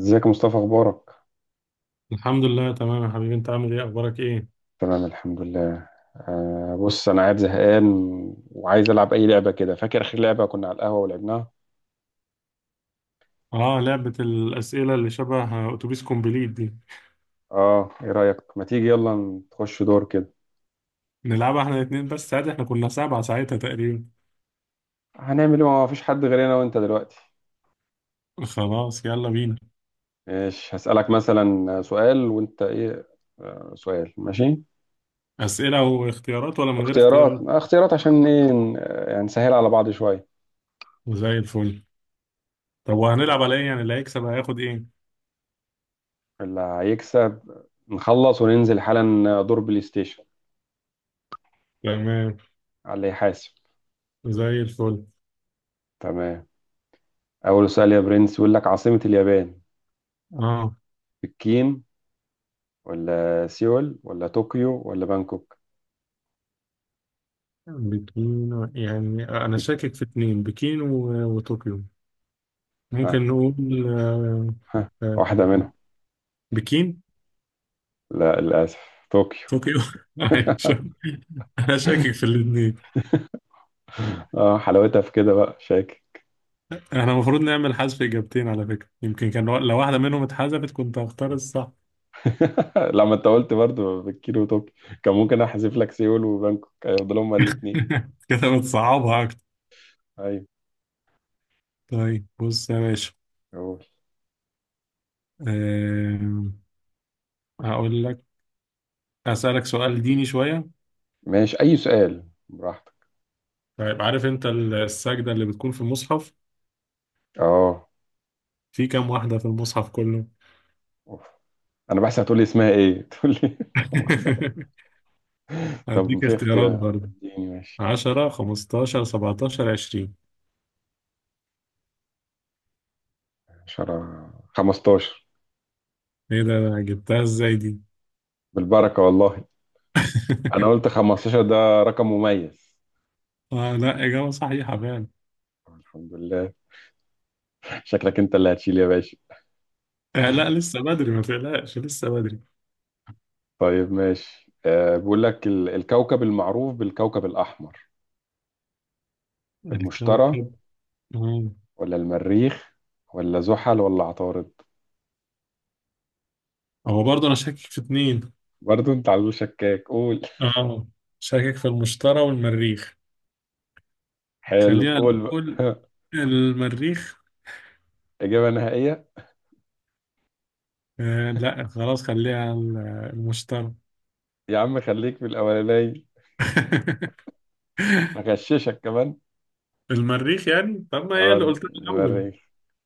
ازيك يا مصطفى اخبارك الحمد لله تمام يا حبيبي، انت عامل ايه؟ اخبارك ايه؟ تمام الحمد لله بص انا قاعد زهقان. وعايز العب اي لعبه كده، فاكر اخر لعبه كنا على القهوه ولعبناها؟ اه، لعبة الاسئلة اللي شبه اتوبيس كومبليت دي. اه ايه رايك، ما تيجي يلا نخش دور كده. نلعبها احنا الاتنين بس عادي، احنا كنا سبعة ساعتها تقريبا. هنعمل ايه؟ ما فيش حد غير انا وانت دلوقتي. خلاص يلا بينا. ماشي هسالك مثلا سؤال وانت ايه. آه سؤال ماشي. اسئلة واختيارات ولا من غير اختيارات، اختيارات؟ اختيارات عشان ايه يعني نسهل على بعض شويه. زي الفل. طب طيب. وهنلعب على ايه يعني؟ اللي هيكسب هياخد ايه؟ اللي هيكسب نخلص وننزل حالا دور بلاي ستيشن، تمام. على اللي يحاسب. زي الفل. تمام. أول سؤال يا برنس يقول لك عاصمة اليابان: اه بكين ولا سيول ولا طوكيو ولا بانكوك؟ بكين، يعني انا بك... شاكك في اتنين، بكين وطوكيو. آه. ممكن نقول. آه. ها. آه، واحدة منهم. بكين. لا للأسف، طوكيو. طوكيو. أيوة، انا شاكك في الاثنين. اه حلاوتها في كده بقى شاكر. احنا المفروض نعمل حذف اجابتين على فكرة، يمكن كان لو واحدة منهم اتحذفت كنت هختار الصح. لما انت قلت برضه بكين وطوكيو كان ممكن احذف لك سيول وبانكوك هيفضلوا هما الاثنين. كده بتصعبها اكتر. ايوه. طيب بص يا باشا. قول، أم، هقول لك. اسالك سؤال ديني شوية. ماشي اي سؤال براحتك. طيب عارف انت السجدة اللي بتكون في المصحف، اه في كام واحدة في المصحف كله؟ أوف. انا بحسب هتقول لي اسمها ايه تقول لي كم واحدة. طب هديك في اختيارات اختيار، برضه. اديني ماشي. 10 15 17 20. 10 15. ايه ده؟ جبتها ازاي دي؟ بالبركة والله. انا قلت 15 ده رقم مميز. آه، لا إجابة صحيحة فعلا. طب الحمد لله. شكلك انت اللي هتشيل يا باشا. آه، لا لسه بدري، ما تقلقش لسه بدري. طيب ماشي، بيقول لك الكوكب المعروف بالكوكب الاحمر: المشتري الكوكب. آه. ولا المريخ ولا زحل ولا عطارد؟ هو برضه انا شاكك في اتنين. برضو انت على طول شكاك، قول. اه شاكك في المشتري والمريخ. حلو خلينا قول نقول بقى. المريخ. اجابه نهائيه. آه لا خلاص، خليها المشتري. يا عم خليك في الاولانيه، هغششك كمان. المريخ يعني، طب ما هي اللي قلتها الاول. المريخ.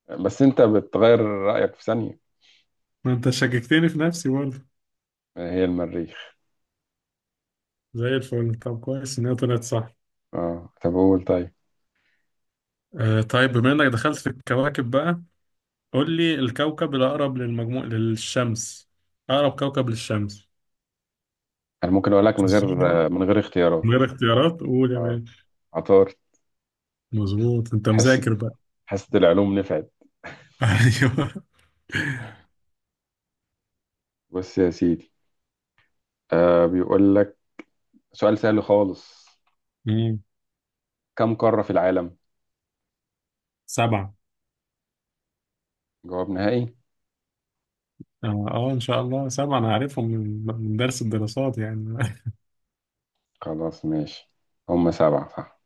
بس انت بتغير رايك في ثانيه. ما انت شككتني في نفسي برضه. هي المريخ. زي الفل. طب كويس ان هي طلعت صح. اه طب قول طيب. آه طيب، بما انك دخلت في الكواكب بقى، قول لي الكوكب الاقرب للمجموع للشمس. اقرب كوكب للشمس. انا ممكن اقول لك من غير، الزهرة. من اختيارات. غير اختيارات قول يا اه باشا. عطار. مظبوط، انت حاسة مذاكر بقى. حاسة العلوم نفعت. ايوه. بص يا سيدي، بيقول لك سؤال سهل خالص: مم. كم قارة في العالم؟ سبعة. جواب نهائي. اه آه، ان شاء الله سبعة، انا عارفهم من درس الدراسات يعني. خلاص ماشي، هم سبعة صح.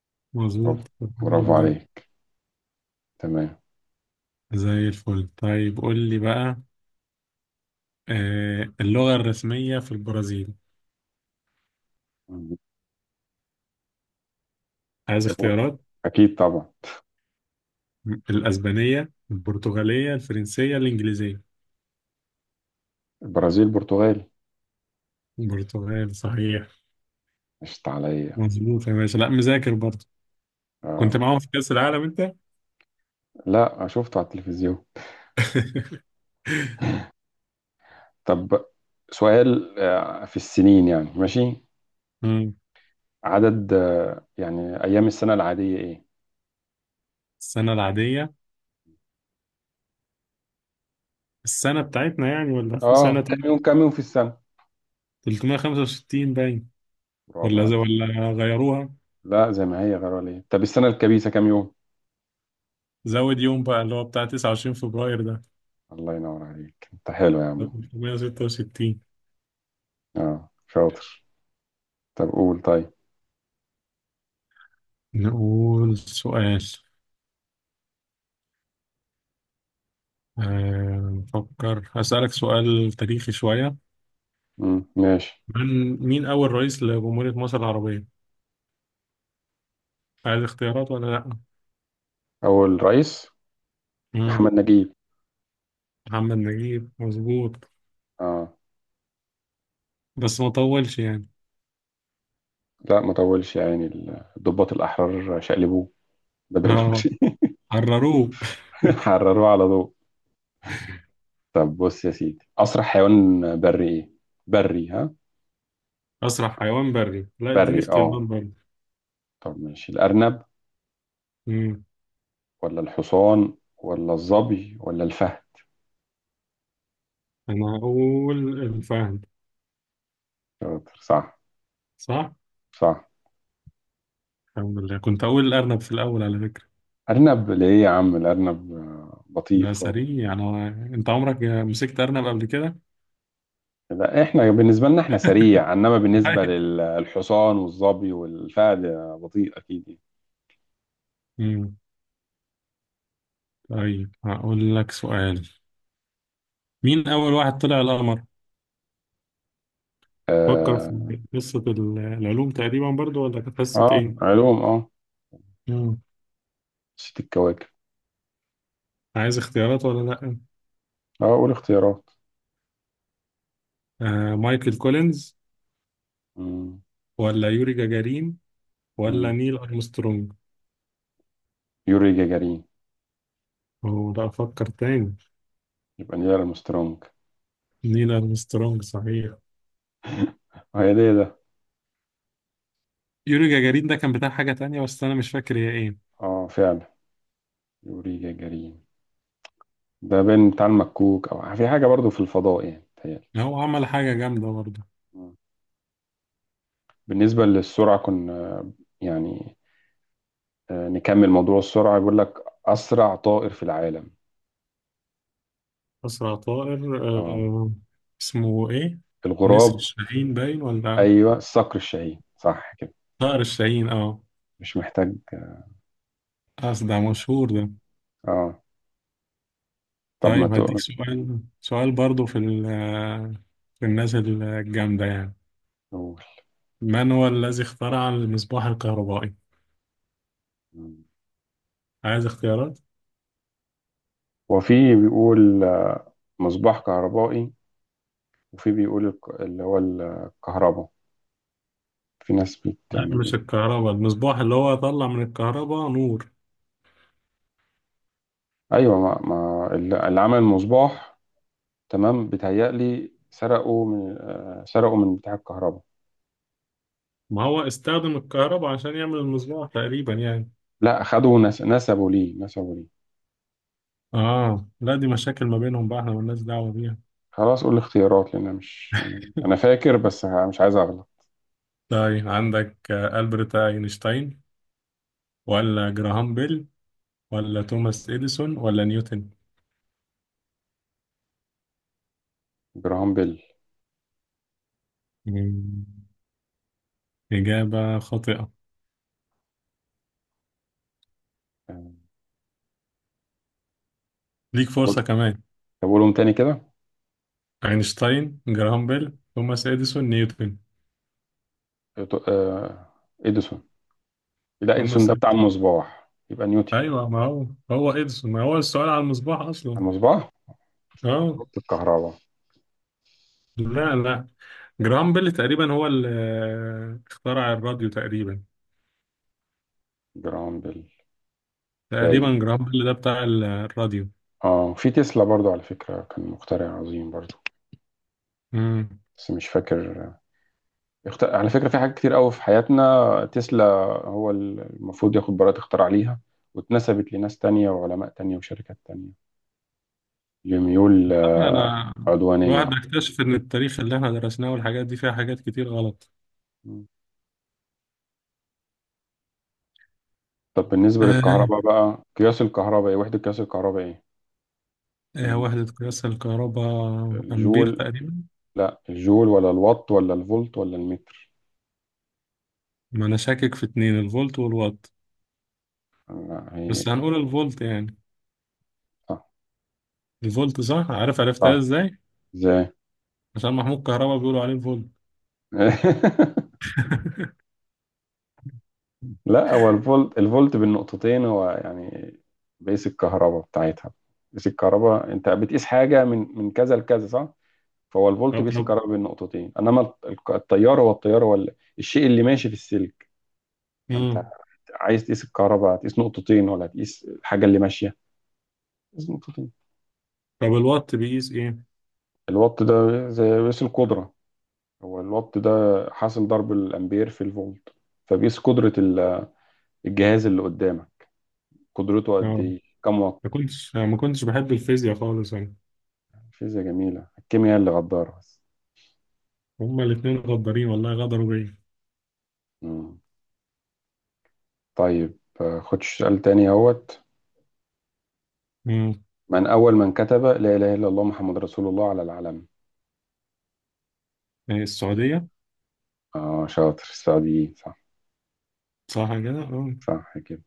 مظبوط برافو، الحمد برافو لله. عليك. تمام. زي الفل. طيب قول لي بقى. آه، اللغة الرسمية في البرازيل. عايز اختيارات. أكيد طبعا. الأسبانية، البرتغالية، الفرنسية، الإنجليزية. البرازيل، البرتغال. البرتغال صحيح. مشت عليا. مظبوط يا باشا، لا مذاكر برضه. كنت آه. معاهم في كأس العالم انت؟ لا شفته على التلفزيون. طب، سؤال في السنين يعني ماشي. مم. عدد يعني أيام السنة العادية إيه؟ السنة العادية؟ السنة بتاعتنا يعني ولا في سنة كم يوم، تانية؟ في السنة؟ 365 باين. برافو عليك. ولا غيروها. لا زي ما هي، غير ولا ايه؟ طب السنة الكبيسة كام يوم؟ زود يوم بقى، اللي هو بتاع 29 فبراير ده. الله ينور عليك، انت حلو يا عم. 366. اه شاطر. طب قول طيب. نقول سؤال. آه، نفكر. هسألك سؤال تاريخي شوية. مم. ماشي. من مين أول رئيس لجمهورية مصر العربية؟ عايز اختيارات ولا لأ؟ اول رئيس. مم. محمد نجيب. محمد نجيب. مظبوط اه بس ما طولش يعني. لا ما طولش يا عيني. الضباط الاحرار شقلبوه. بدري اه بدري. حرروه. حرروه على ضوء. طب بص يا سيدي، اسرع حيوان بري ايه؟ بري ها؟ أسرع حيوان بري؟ لا اديني بري اختيارات برضه. طب ماشي: الارنب ولا الحصان ولا الظبي ولا الفهد؟ انا اقول الفهد. شاطر، صح. صح. صح. الحمد لله، كنت اقول الارنب في الاول على فكره. أرنب ليه يا عم الأرنب، بطيء ده خالص. سريع انا. انت عمرك مسكت ارنب قبل كده؟ لا احنا بالنسبة لنا احنا سريع، انما بالنسبة للحصان والظبي والفهد بطيء اكيد يعني. أمم. طيب هقول لك سؤال. مين اول واحد طلع القمر؟ فكر اه في قصه العلوم تقريبا برضو، ولا كانت قصه ايه؟ علوم أمم. نسيت الكواكب. عايز اختيارات ولا لا؟ اه قول اختيارات. آه، مايكل كولينز، مم، ولا يوري جاجارين، ولا مم. نيل ارمسترونج. يوري جاجارين. هو ده، افكر تاني. يبقى نيل أرمسترونج. نيل ارمسترونج صحيح. هي ده ده. يوري جاجارين ده كان بتاع حاجة تانية، بس أنا مش فاكر هي إيه. اه فعلا. يوري جاجارين ده بين بتاع المكوك او في حاجة برضو في الفضاء يعني تهيألي. هو عمل حاجة جامدة برضه. بالنسبة للسرعة كنا يعني، نكمل موضوع السرعة. يقول لك أسرع طائر في العالم. أسرع طائر اه آه. اسمه إيه؟ نسر الغراب. الشاهين باين، ولا أيوه، الصقر الشاهين صح كده. طائر الشاهين أه. مش محتاج. أصل ده مشهور ده. اه طب ما طيب هديك تقول. سؤال، سؤال برضه في في الناس الجامدة يعني. من هو الذي اخترع المصباح الكهربائي؟ عايز اختيارات؟ وفي بيقول مصباح كهربائي. وفي بيقول اللي هو الكهرباء. في ناس لا يعني مش الكهرباء، المصباح اللي هو طلع من الكهرباء نور. أيوه، ما اللي عمل المصباح. تمام، بيتهيألي سرقوا من بتاع الكهرباء. ما هو استخدم الكهرباء عشان يعمل المصباح تقريبا يعني. لا أخدوا نسبوا ليه، نسبوا ليه. آه لا، دي مشاكل ما بينهم بقى، احنا مالناش دعوة بيها. خلاص قول الاختيارات، لأن أنا مش يعني أنا فاكر بس مش عايز أغلط. طيب عندك آه، ألبرت أينشتاين، ولا جراهام بيل، ولا توماس إديسون، ولا نيوتن. جراهام بيل. مم. إجابة خاطئة. آه، ليك قول- فرصة كمان. طب قولهم تاني كده. أينشتاين، جراهام بيل، توماس إديسون، نيوتن. إيتو- آه، إديسون. لا إديسون توماس ده بتاع إديسون. المصباح، يبقى نيوتن. أيوة ما هو، هو إديسون، ما هو السؤال على المصباح على أصلا. المصباح. أه. نقطة الكهرباء. لا لا، جراهام بيل تقريبا هو اللي آه، اخترع الراديو تقريبا. جراهام بيل تقريبا باين. جراهام بيل ده بتاع الراديو. اه في تسلا برضو على فكرة، كان مخترع عظيم برضو مم. بس مش فاكر. على فكرة في حاجات كتير قوي في حياتنا تسلا. هو المفروض ياخد براءة اختراع ليها، واتنسبت لناس تانية وعلماء تانية وشركات تانية، لميول أنا. الواحد عدوانية. بيكتشف إن التاريخ اللي إحنا درسناه والحاجات دي فيها حاجات كتير غلط. مم. طب بالنسبة آه. للكهرباء بقى، قياس الكهرباء ايه؟ وحدة قياس الكهرباء ايه؟ آه ال- وحدة قياس الكهرباء. أمبير الجول، تقريبا. لا الجول ولا الوات ولا الفولت ولا المتر. ما أنا شاكك في اتنين، الفولت والوات. لا هي بس هنقول الفولت يعني. صح. الفولت صح. عارف عرفتها صح، إزاي؟ ازاي؟ عشان محمود كهربا بيقولوا عليه الفولت. لا هو الفولت، الفولت بالنقطتين هو يعني بيقيس الكهرباء بتاعتها. بيقيس الكهرباء، انت بتقيس حاجة من كذا لكذا، صح؟ فهو الفولت طب بيقيس طب. الكهرباء بالنقطتين، انما التيار، هو التيار، هو الشيء اللي ماشي في السلك. انت مم. عايز تقيس الكهرباء هتقيس نقطتين ولا هتقيس الحاجة اللي ماشية؟ لازم نقطتين. طب الوات بيقيس إيه؟ الوات ده زي قياس القدرة. هو الوات ده حاصل ضرب الأمبير في الفولت. فبيقيس قدرة الجهاز اللي قدامك، قدرته قد آه. إيه، كم وات؟ ما كنتش بحب الفيزياء خالص أنا. فيزياء جميلة، الكيمياء اللي غدارة بس. هما الاتنين غدارين والله، غدروا بيا. مم. طيب، خدش سؤال تاني أهوت. مم. من أول من كتب لا إله إلا الله محمد رسول الله على العلم؟ آه، السعودية. شاطر، السعديين صح. صح كده آه. صح كده.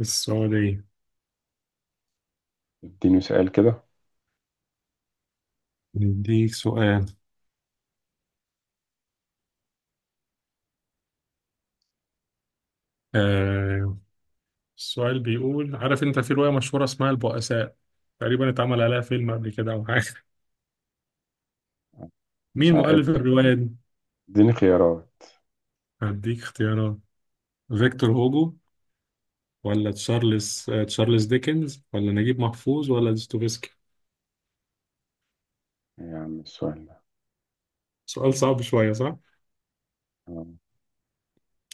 السعودية. اديني سؤال كده. نديك سؤال. آه. السؤال بيقول، عارف انت في رواية مشهورة اسمها البؤساء، تقريبا اتعمل عليها فيلم قبل كده او حاجة. مش مين هقد، مؤلف الرواية دي؟ اديني خيارات. هديك اختيارات. فيكتور هوجو، ولا تشارلز آه تشارلز ديكنز، ولا نجيب محفوظ، ولا دوستويفسكي. يعني السؤال ده. سؤال صعب شوية صح؟ آه.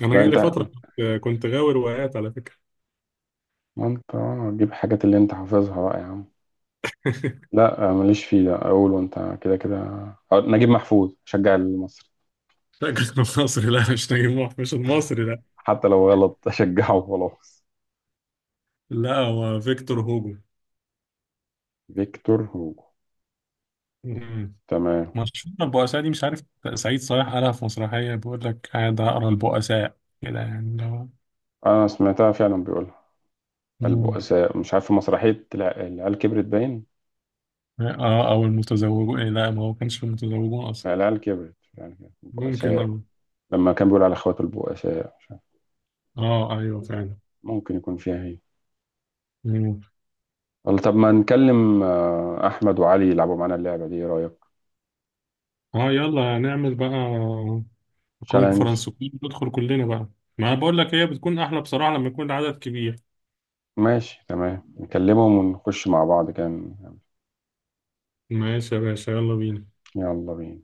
أنا لا جالي انت، فترة كنت غاوي روايات على فكرة. ما انت تجيب حاجات اللي انت حافظها بقى يا عم. لا ماليش فيه، ده اقول وانت كده كده. نجيب محفوظ، شجع المصري. لا كنت مصري، لا مش نجيب محفوظ، مش المصري لا. حتى لو غلط اشجعه وخلاص. لا هو فيكتور فيكتور هوجو. هوجو. تمام. مشهور البؤساء دي، مش عارف. سعيد صالح قالها في مسرحية، بيقول لك قاعد أقرأ البؤساء كده، يعني اللي هو. انا سمعتها فعلا بيقولها مم. البؤساء، مش عارف في مسرحية العيال كبرت باين. اه أو المتزوجون، إيه لا ما هو كانش في المتزوجون أصلا. لا، العيال كبرت، العيال كبرت. ممكن البؤساء. اه. لما كان بيقول على اخواته البؤساء، مش عارف اه أيوه فعلا. ممكن يكون فيها هي. مم. والله، طب ما نكلم احمد وعلي يلعبوا معانا اللعبة دي، ايه رأيك؟ اه يلا نعمل بقى تشالنج. كونفرنس. ندخل كلنا بقى. ما أنا بقول لك هي بتكون أحلى بصراحة لما يكون العدد كبير. ماشي تمام، نكلمهم ونخش مع بعض كان. ماشي يا باشا، يلا بينا. يلا بينا.